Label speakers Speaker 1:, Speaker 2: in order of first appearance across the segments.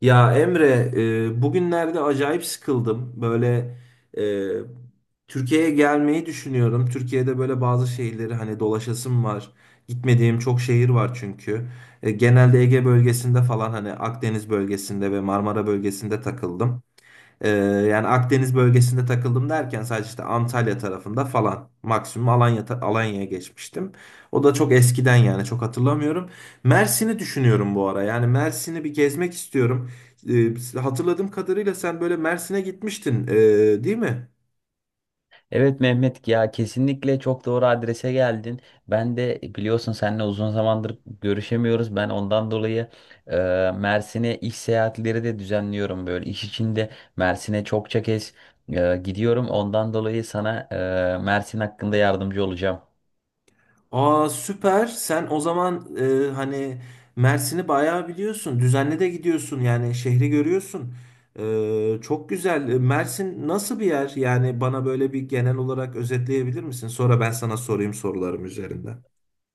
Speaker 1: Ya Emre, bugünlerde acayip sıkıldım. Böyle e, Türkiye'ye gelmeyi düşünüyorum. Türkiye'de böyle bazı şehirleri hani dolaşasım var. Gitmediğim çok şehir var çünkü. E, genelde Ege bölgesinde falan hani Akdeniz bölgesinde ve Marmara bölgesinde takıldım. Ee, yani Akdeniz bölgesinde takıldım derken sadece işte Antalya tarafında falan maksimum Alanya'ya geçmiştim. O da çok eskiden yani çok hatırlamıyorum. Mersin'i düşünüyorum bu ara. Yani Mersin'i bir gezmek istiyorum. Hatırladığım kadarıyla sen böyle Mersin'e gitmiştin, değil mi?
Speaker 2: Evet Mehmet, ya kesinlikle çok doğru adrese geldin. Ben de biliyorsun seninle uzun zamandır görüşemiyoruz. Ben ondan dolayı e, Mersin'e iş seyahatleri de düzenliyorum böyle. İş içinde Mersin'e çokça kez gidiyorum. Ondan dolayı sana Mersin hakkında yardımcı olacağım.
Speaker 1: Aa süper. Sen o zaman hani Mersin'i bayağı biliyorsun. Düzenli de gidiyorsun yani şehri görüyorsun. Çok güzel. E, Mersin nasıl bir yer? Yani bana böyle bir genel olarak özetleyebilir misin? Sonra ben sana sorayım sorularım üzerinden.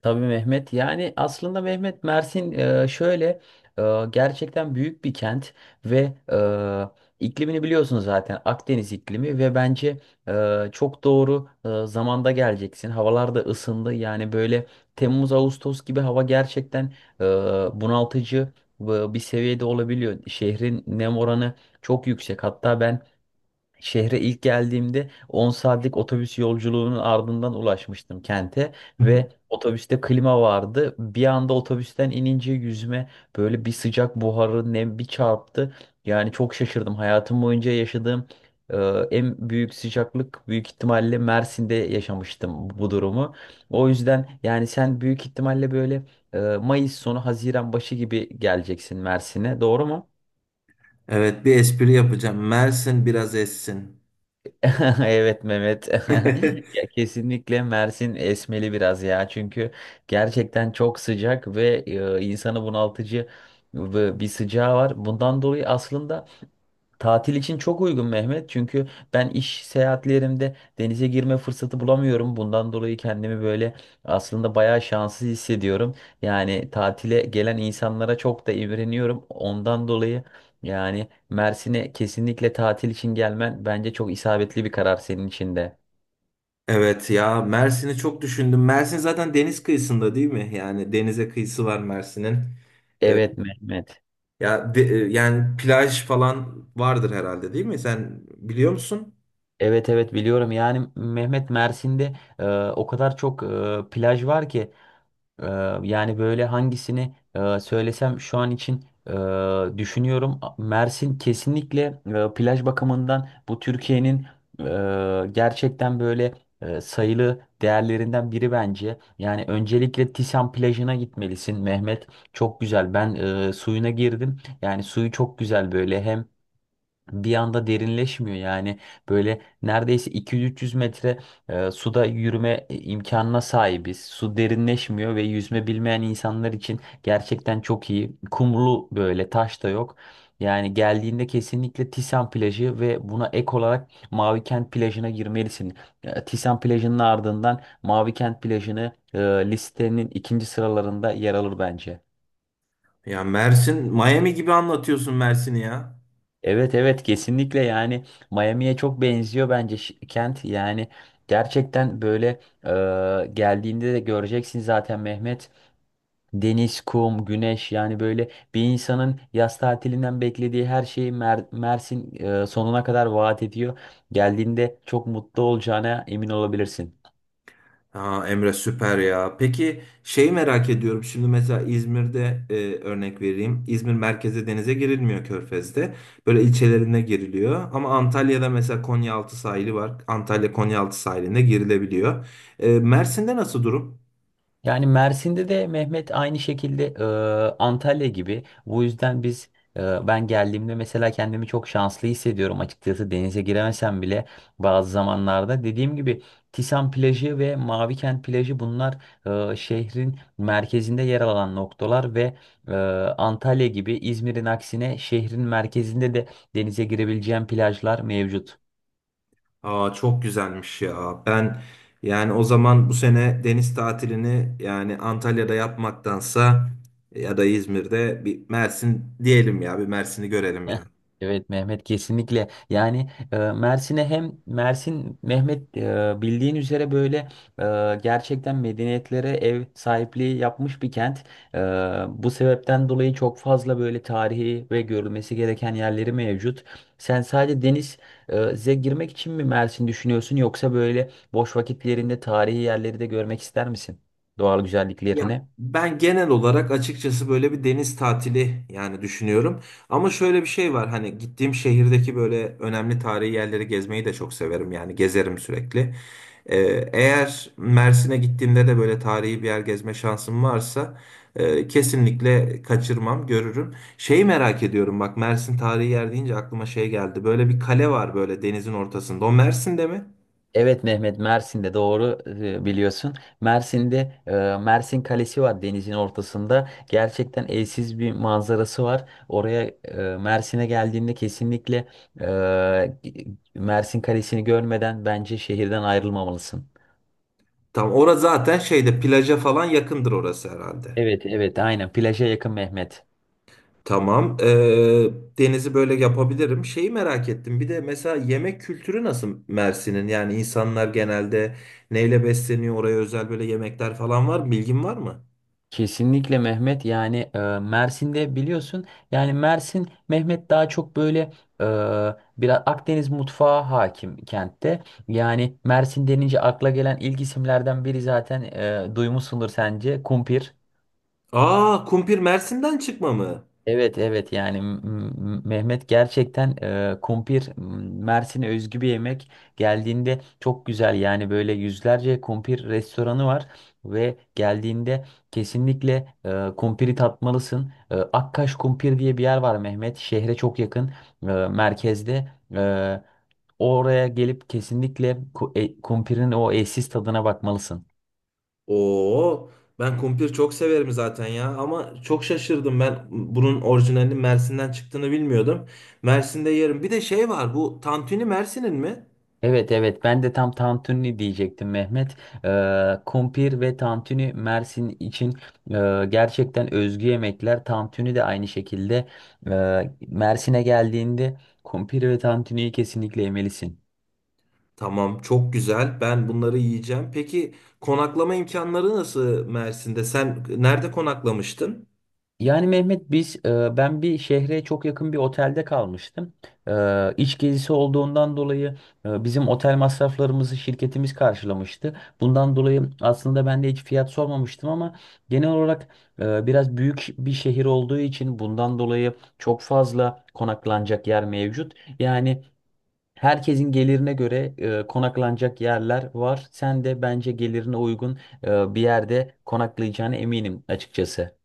Speaker 2: Tabii Mehmet, yani aslında Mehmet, Mersin şöyle gerçekten büyük bir kent ve iklimini biliyorsun zaten, Akdeniz iklimi. Ve bence çok doğru zamanda geleceksin. Havalar da ısındı, yani böyle Temmuz Ağustos gibi hava gerçekten e, bunaltıcı bir seviyede olabiliyor. Şehrin nem oranı çok yüksek. Hatta ben şehre ilk geldiğimde 10 saatlik otobüs yolculuğunun ardından ulaşmıştım kente ve otobüste klima vardı. Bir anda otobüsten inince yüzüme böyle bir sıcak buharı, nem, bir çarptı. Yani çok şaşırdım. Hayatım boyunca yaşadığım e, en büyük sıcaklık büyük ihtimalle Mersin'de, yaşamıştım bu durumu. O yüzden yani sen büyük ihtimalle böyle Mayıs sonu Haziran başı gibi geleceksin Mersin'e, doğru mu?
Speaker 1: Evet, bir espri yapacağım. Mersin biraz essin.
Speaker 2: Evet Mehmet. Ya kesinlikle Mersin esmeli biraz ya. Çünkü gerçekten çok sıcak ve insanı bunaltıcı ve bir sıcağı var. Bundan dolayı aslında tatil için çok uygun Mehmet. Çünkü ben iş seyahatlerimde denize girme fırsatı bulamıyorum. Bundan dolayı kendimi böyle aslında bayağı şanssız hissediyorum. Yani tatile gelen insanlara çok da imreniyorum. Ondan dolayı yani Mersin'e kesinlikle tatil için gelmen bence çok isabetli bir karar, senin için de.
Speaker 1: Evet ya, Mersin'i çok düşündüm. Mersin zaten deniz kıyısında değil mi? Yani denize kıyısı var Mersin'in.
Speaker 2: Evet Mehmet.
Speaker 1: Yani plaj falan vardır herhalde değil mi? Sen biliyor musun?
Speaker 2: Evet, evet biliyorum. Yani Mehmet, Mersin'de e, o kadar çok plaj var ki. Ee, Yani böyle hangisini söylesem şu an için düşünüyorum. Mersin kesinlikle plaj bakımından bu Türkiye'nin gerçekten böyle sayılı değerlerinden biri bence. Yani öncelikle Tisan plajına gitmelisin Mehmet. Çok güzel. Ben suyuna girdim. Yani suyu çok güzel. Böyle hem bir anda derinleşmiyor, yani böyle neredeyse 200-300 metre suda yürüme imkanına sahibiz. Su derinleşmiyor ve yüzme bilmeyen insanlar için gerçekten çok iyi. Kumlu, böyle taş da yok. Yani geldiğinde kesinlikle Tisan plajı ve buna ek olarak Mavikent plajına girmelisin. Tisan plajının ardından Mavikent plajını listenin ikinci sıralarında yer alır bence.
Speaker 1: Ya Mersin, Miami gibi anlatıyorsun Mersin'i ya.
Speaker 2: Evet, evet kesinlikle, yani Miami'ye çok benziyor bence kent. Yani gerçekten böyle, geldiğinde de göreceksin zaten Mehmet, deniz, kum, güneş. Yani böyle bir insanın yaz tatilinden beklediği her şeyi Mersin sonuna kadar vaat ediyor. Geldiğinde çok mutlu olacağına emin olabilirsin.
Speaker 1: Ha Emre süper ya. Peki şeyi merak ediyorum. Şimdi mesela İzmir'de örnek vereyim. İzmir merkeze denize girilmiyor Körfez'de. Böyle ilçelerine giriliyor. Ama Antalya'da mesela Konyaaltı sahili var. Antalya Konyaaltı sahilinde girilebiliyor. E, Mersin'de nasıl durum?
Speaker 2: Yani Mersin'de de Mehmet aynı şekilde, Antalya gibi. Bu yüzden biz, ben geldiğimde mesela kendimi çok şanslı hissediyorum açıkçası, denize giremesem bile bazı zamanlarda. Dediğim gibi Tisan plajı ve Mavikent plajı bunlar şehrin merkezinde yer alan noktalar ve e, Antalya gibi, İzmir'in aksine şehrin merkezinde de denize girebileceğim plajlar mevcut.
Speaker 1: Aa çok güzelmiş ya. Ben yani o zaman bu sene deniz tatilini yani Antalya'da yapmaktansa ya da İzmir'de bir Mersin diyelim ya, bir Mersin'i görelim ya.
Speaker 2: Heh. Evet Mehmet, kesinlikle, yani Mersin'e hem, Mersin Mehmet bildiğin üzere böyle gerçekten medeniyetlere ev sahipliği yapmış bir kent. E, Bu sebepten dolayı çok fazla böyle tarihi ve görülmesi gereken yerleri mevcut. Sen sadece deniz girmek için mi Mersin düşünüyorsun, yoksa böyle boş vakitlerinde tarihi yerleri de görmek ister misin? Doğal
Speaker 1: Ya
Speaker 2: güzelliklerini.
Speaker 1: ben genel olarak açıkçası böyle bir deniz tatili yani düşünüyorum. Ama şöyle bir şey var, hani gittiğim şehirdeki böyle önemli tarihi yerleri gezmeyi de çok severim. Yani gezerim sürekli. Ee, eğer Mersin'e gittiğimde de böyle tarihi bir yer gezme şansım varsa kesinlikle kaçırmam, görürüm. Şeyi merak ediyorum bak, Mersin tarihi yer deyince aklıma şey geldi. Böyle bir kale var böyle denizin ortasında. O Mersin'de mi?
Speaker 2: Evet Mehmet, Mersin'de doğru biliyorsun. Mersin'de e, Mersin Kalesi var denizin ortasında. Gerçekten eşsiz bir manzarası var. Oraya, Mersin'e geldiğinde kesinlikle e, Mersin Kalesi'ni görmeden bence şehirden ayrılmamalısın.
Speaker 1: Tam orası zaten şeyde plaja falan yakındır orası herhalde.
Speaker 2: Evet, evet aynen, plaja yakın Mehmet.
Speaker 1: Tamam. Denizi böyle yapabilirim. Şeyi merak ettim. Bir de mesela yemek kültürü nasıl Mersin'in? Yani insanlar genelde neyle besleniyor? Oraya özel böyle yemekler falan var mı? Bilgin var mı?
Speaker 2: Kesinlikle Mehmet, yani Mersin'de biliyorsun, yani Mersin Mehmet daha çok böyle e, biraz Akdeniz mutfağı hakim kentte. Yani Mersin denince akla gelen ilk isimlerden biri zaten, duymuşsundur sence, kumpir.
Speaker 1: Aa, kumpir Mersin'den çıkma mı?
Speaker 2: Evet, evet yani Mehmet, gerçekten kumpir Mersin'e özgü bir yemek. Geldiğinde çok güzel, yani böyle yüzlerce kumpir restoranı var ve geldiğinde kesinlikle kumpiri tatmalısın. E, Akkaş Kumpir diye bir yer var Mehmet, şehre çok yakın, merkezde. Oraya gelip kesinlikle kumpirin o eşsiz tadına bakmalısın.
Speaker 1: Oo, ben kumpir çok severim zaten ya. Ama çok şaşırdım, ben bunun orijinalinin Mersin'den çıktığını bilmiyordum. Mersin'de yerim. Bir de şey var. Bu tantuni Mersin'in mi?
Speaker 2: Evet, evet ben de tam tantuni diyecektim Mehmet. Kumpir ve tantuni Mersin için gerçekten özgü yemekler. Tantuni de aynı şekilde, e, Mersin'e geldiğinde kumpir ve tantuniyi kesinlikle yemelisin.
Speaker 1: Tamam, çok güzel. Ben bunları yiyeceğim. Peki konaklama imkanları nasıl Mersin'de? Sen nerede konaklamıştın?
Speaker 2: Yani Mehmet biz, ben bir şehre çok yakın bir otelde kalmıştım. E, iç gezisi olduğundan dolayı bizim otel masraflarımızı şirketimiz karşılamıştı. Bundan dolayı aslında ben de hiç fiyat sormamıştım ama genel olarak biraz büyük bir şehir olduğu için, bundan dolayı çok fazla konaklanacak yer mevcut. Yani herkesin gelirine göre konaklanacak yerler var. Sen de bence gelirine uygun bir yerde konaklayacağına eminim açıkçası.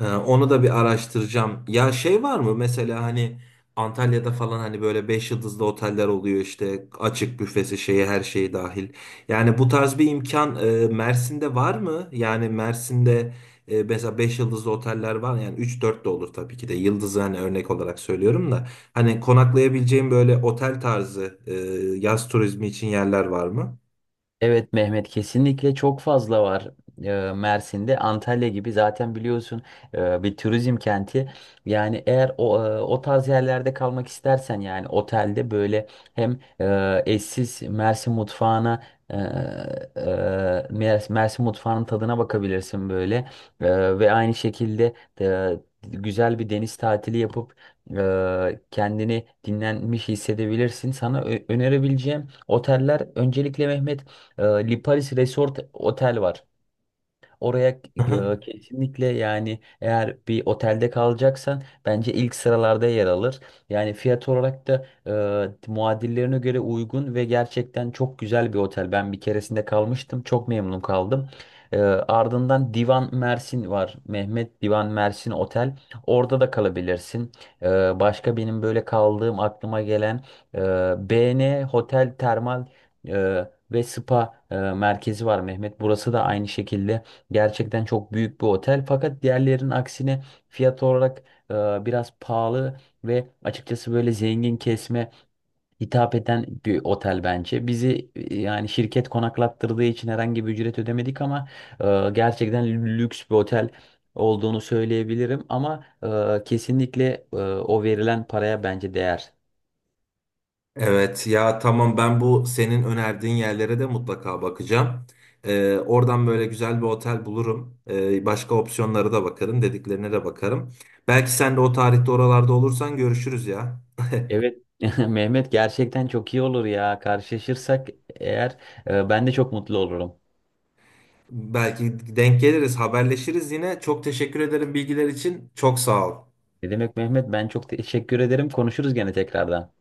Speaker 1: Onu da bir araştıracağım. Ya şey var mı mesela hani Antalya'da falan hani böyle 5 yıldızlı oteller oluyor işte açık büfesi şeyi her şeyi dahil. Yani bu tarz bir imkan Mersin'de var mı? Yani Mersin'de mesela 5 yıldızlı oteller var yani üç dört de olur tabii ki de yıldızı hani örnek olarak söylüyorum da. Hani konaklayabileceğim böyle otel tarzı yaz turizmi için yerler var mı?
Speaker 2: Evet Mehmet, kesinlikle çok fazla var Mersin'de. Antalya gibi zaten biliyorsun, bir turizm kenti. Yani eğer o tarz yerlerde kalmak istersen, yani otelde böyle hem eşsiz Mersin mutfağına, e, e, Mersin mutfağının tadına bakabilirsin böyle. E, ve aynı şekilde e, güzel bir deniz tatili yapıp kendini dinlenmiş hissedebilirsin. Sana önerebileceğim oteller öncelikle Mehmet, Liparis Resort Otel var. Oraya kesinlikle, yani eğer bir otelde kalacaksan bence ilk sıralarda yer alır. Yani fiyat olarak da muadillerine göre uygun ve gerçekten çok güzel bir otel. Ben bir keresinde kalmıştım. Çok memnun kaldım. E, ardından Divan Mersin var. Mehmet, Divan Mersin Otel. Orada da kalabilirsin. E, başka benim böyle kaldığım aklıma gelen e, BN Hotel Termal e, ve Spa merkezi var Mehmet. Burası da aynı şekilde gerçekten çok büyük bir otel, fakat diğerlerinin aksine fiyat olarak biraz pahalı ve açıkçası böyle zengin kesme hitap eden bir otel bence. Bizi, yani şirket konaklattırdığı için herhangi bir ücret ödemedik ama gerçekten lüks bir otel olduğunu söyleyebilirim ama kesinlikle o verilen paraya bence değer.
Speaker 1: Evet ya tamam, ben bu senin önerdiğin yerlere de mutlaka bakacağım. Oradan böyle güzel bir otel bulurum. Başka opsiyonlara da bakarım, dediklerine de bakarım. Belki sen de o tarihte oralarda olursan görüşürüz ya.
Speaker 2: Evet. Mehmet, gerçekten çok iyi olur ya. Karşılaşırsak eğer, ben de çok mutlu olurum.
Speaker 1: Belki denk geliriz, haberleşiriz yine. Çok teşekkür ederim bilgiler için. Çok sağ ol.
Speaker 2: Ne demek Mehmet? Ben çok teşekkür ederim. Konuşuruz gene tekrardan.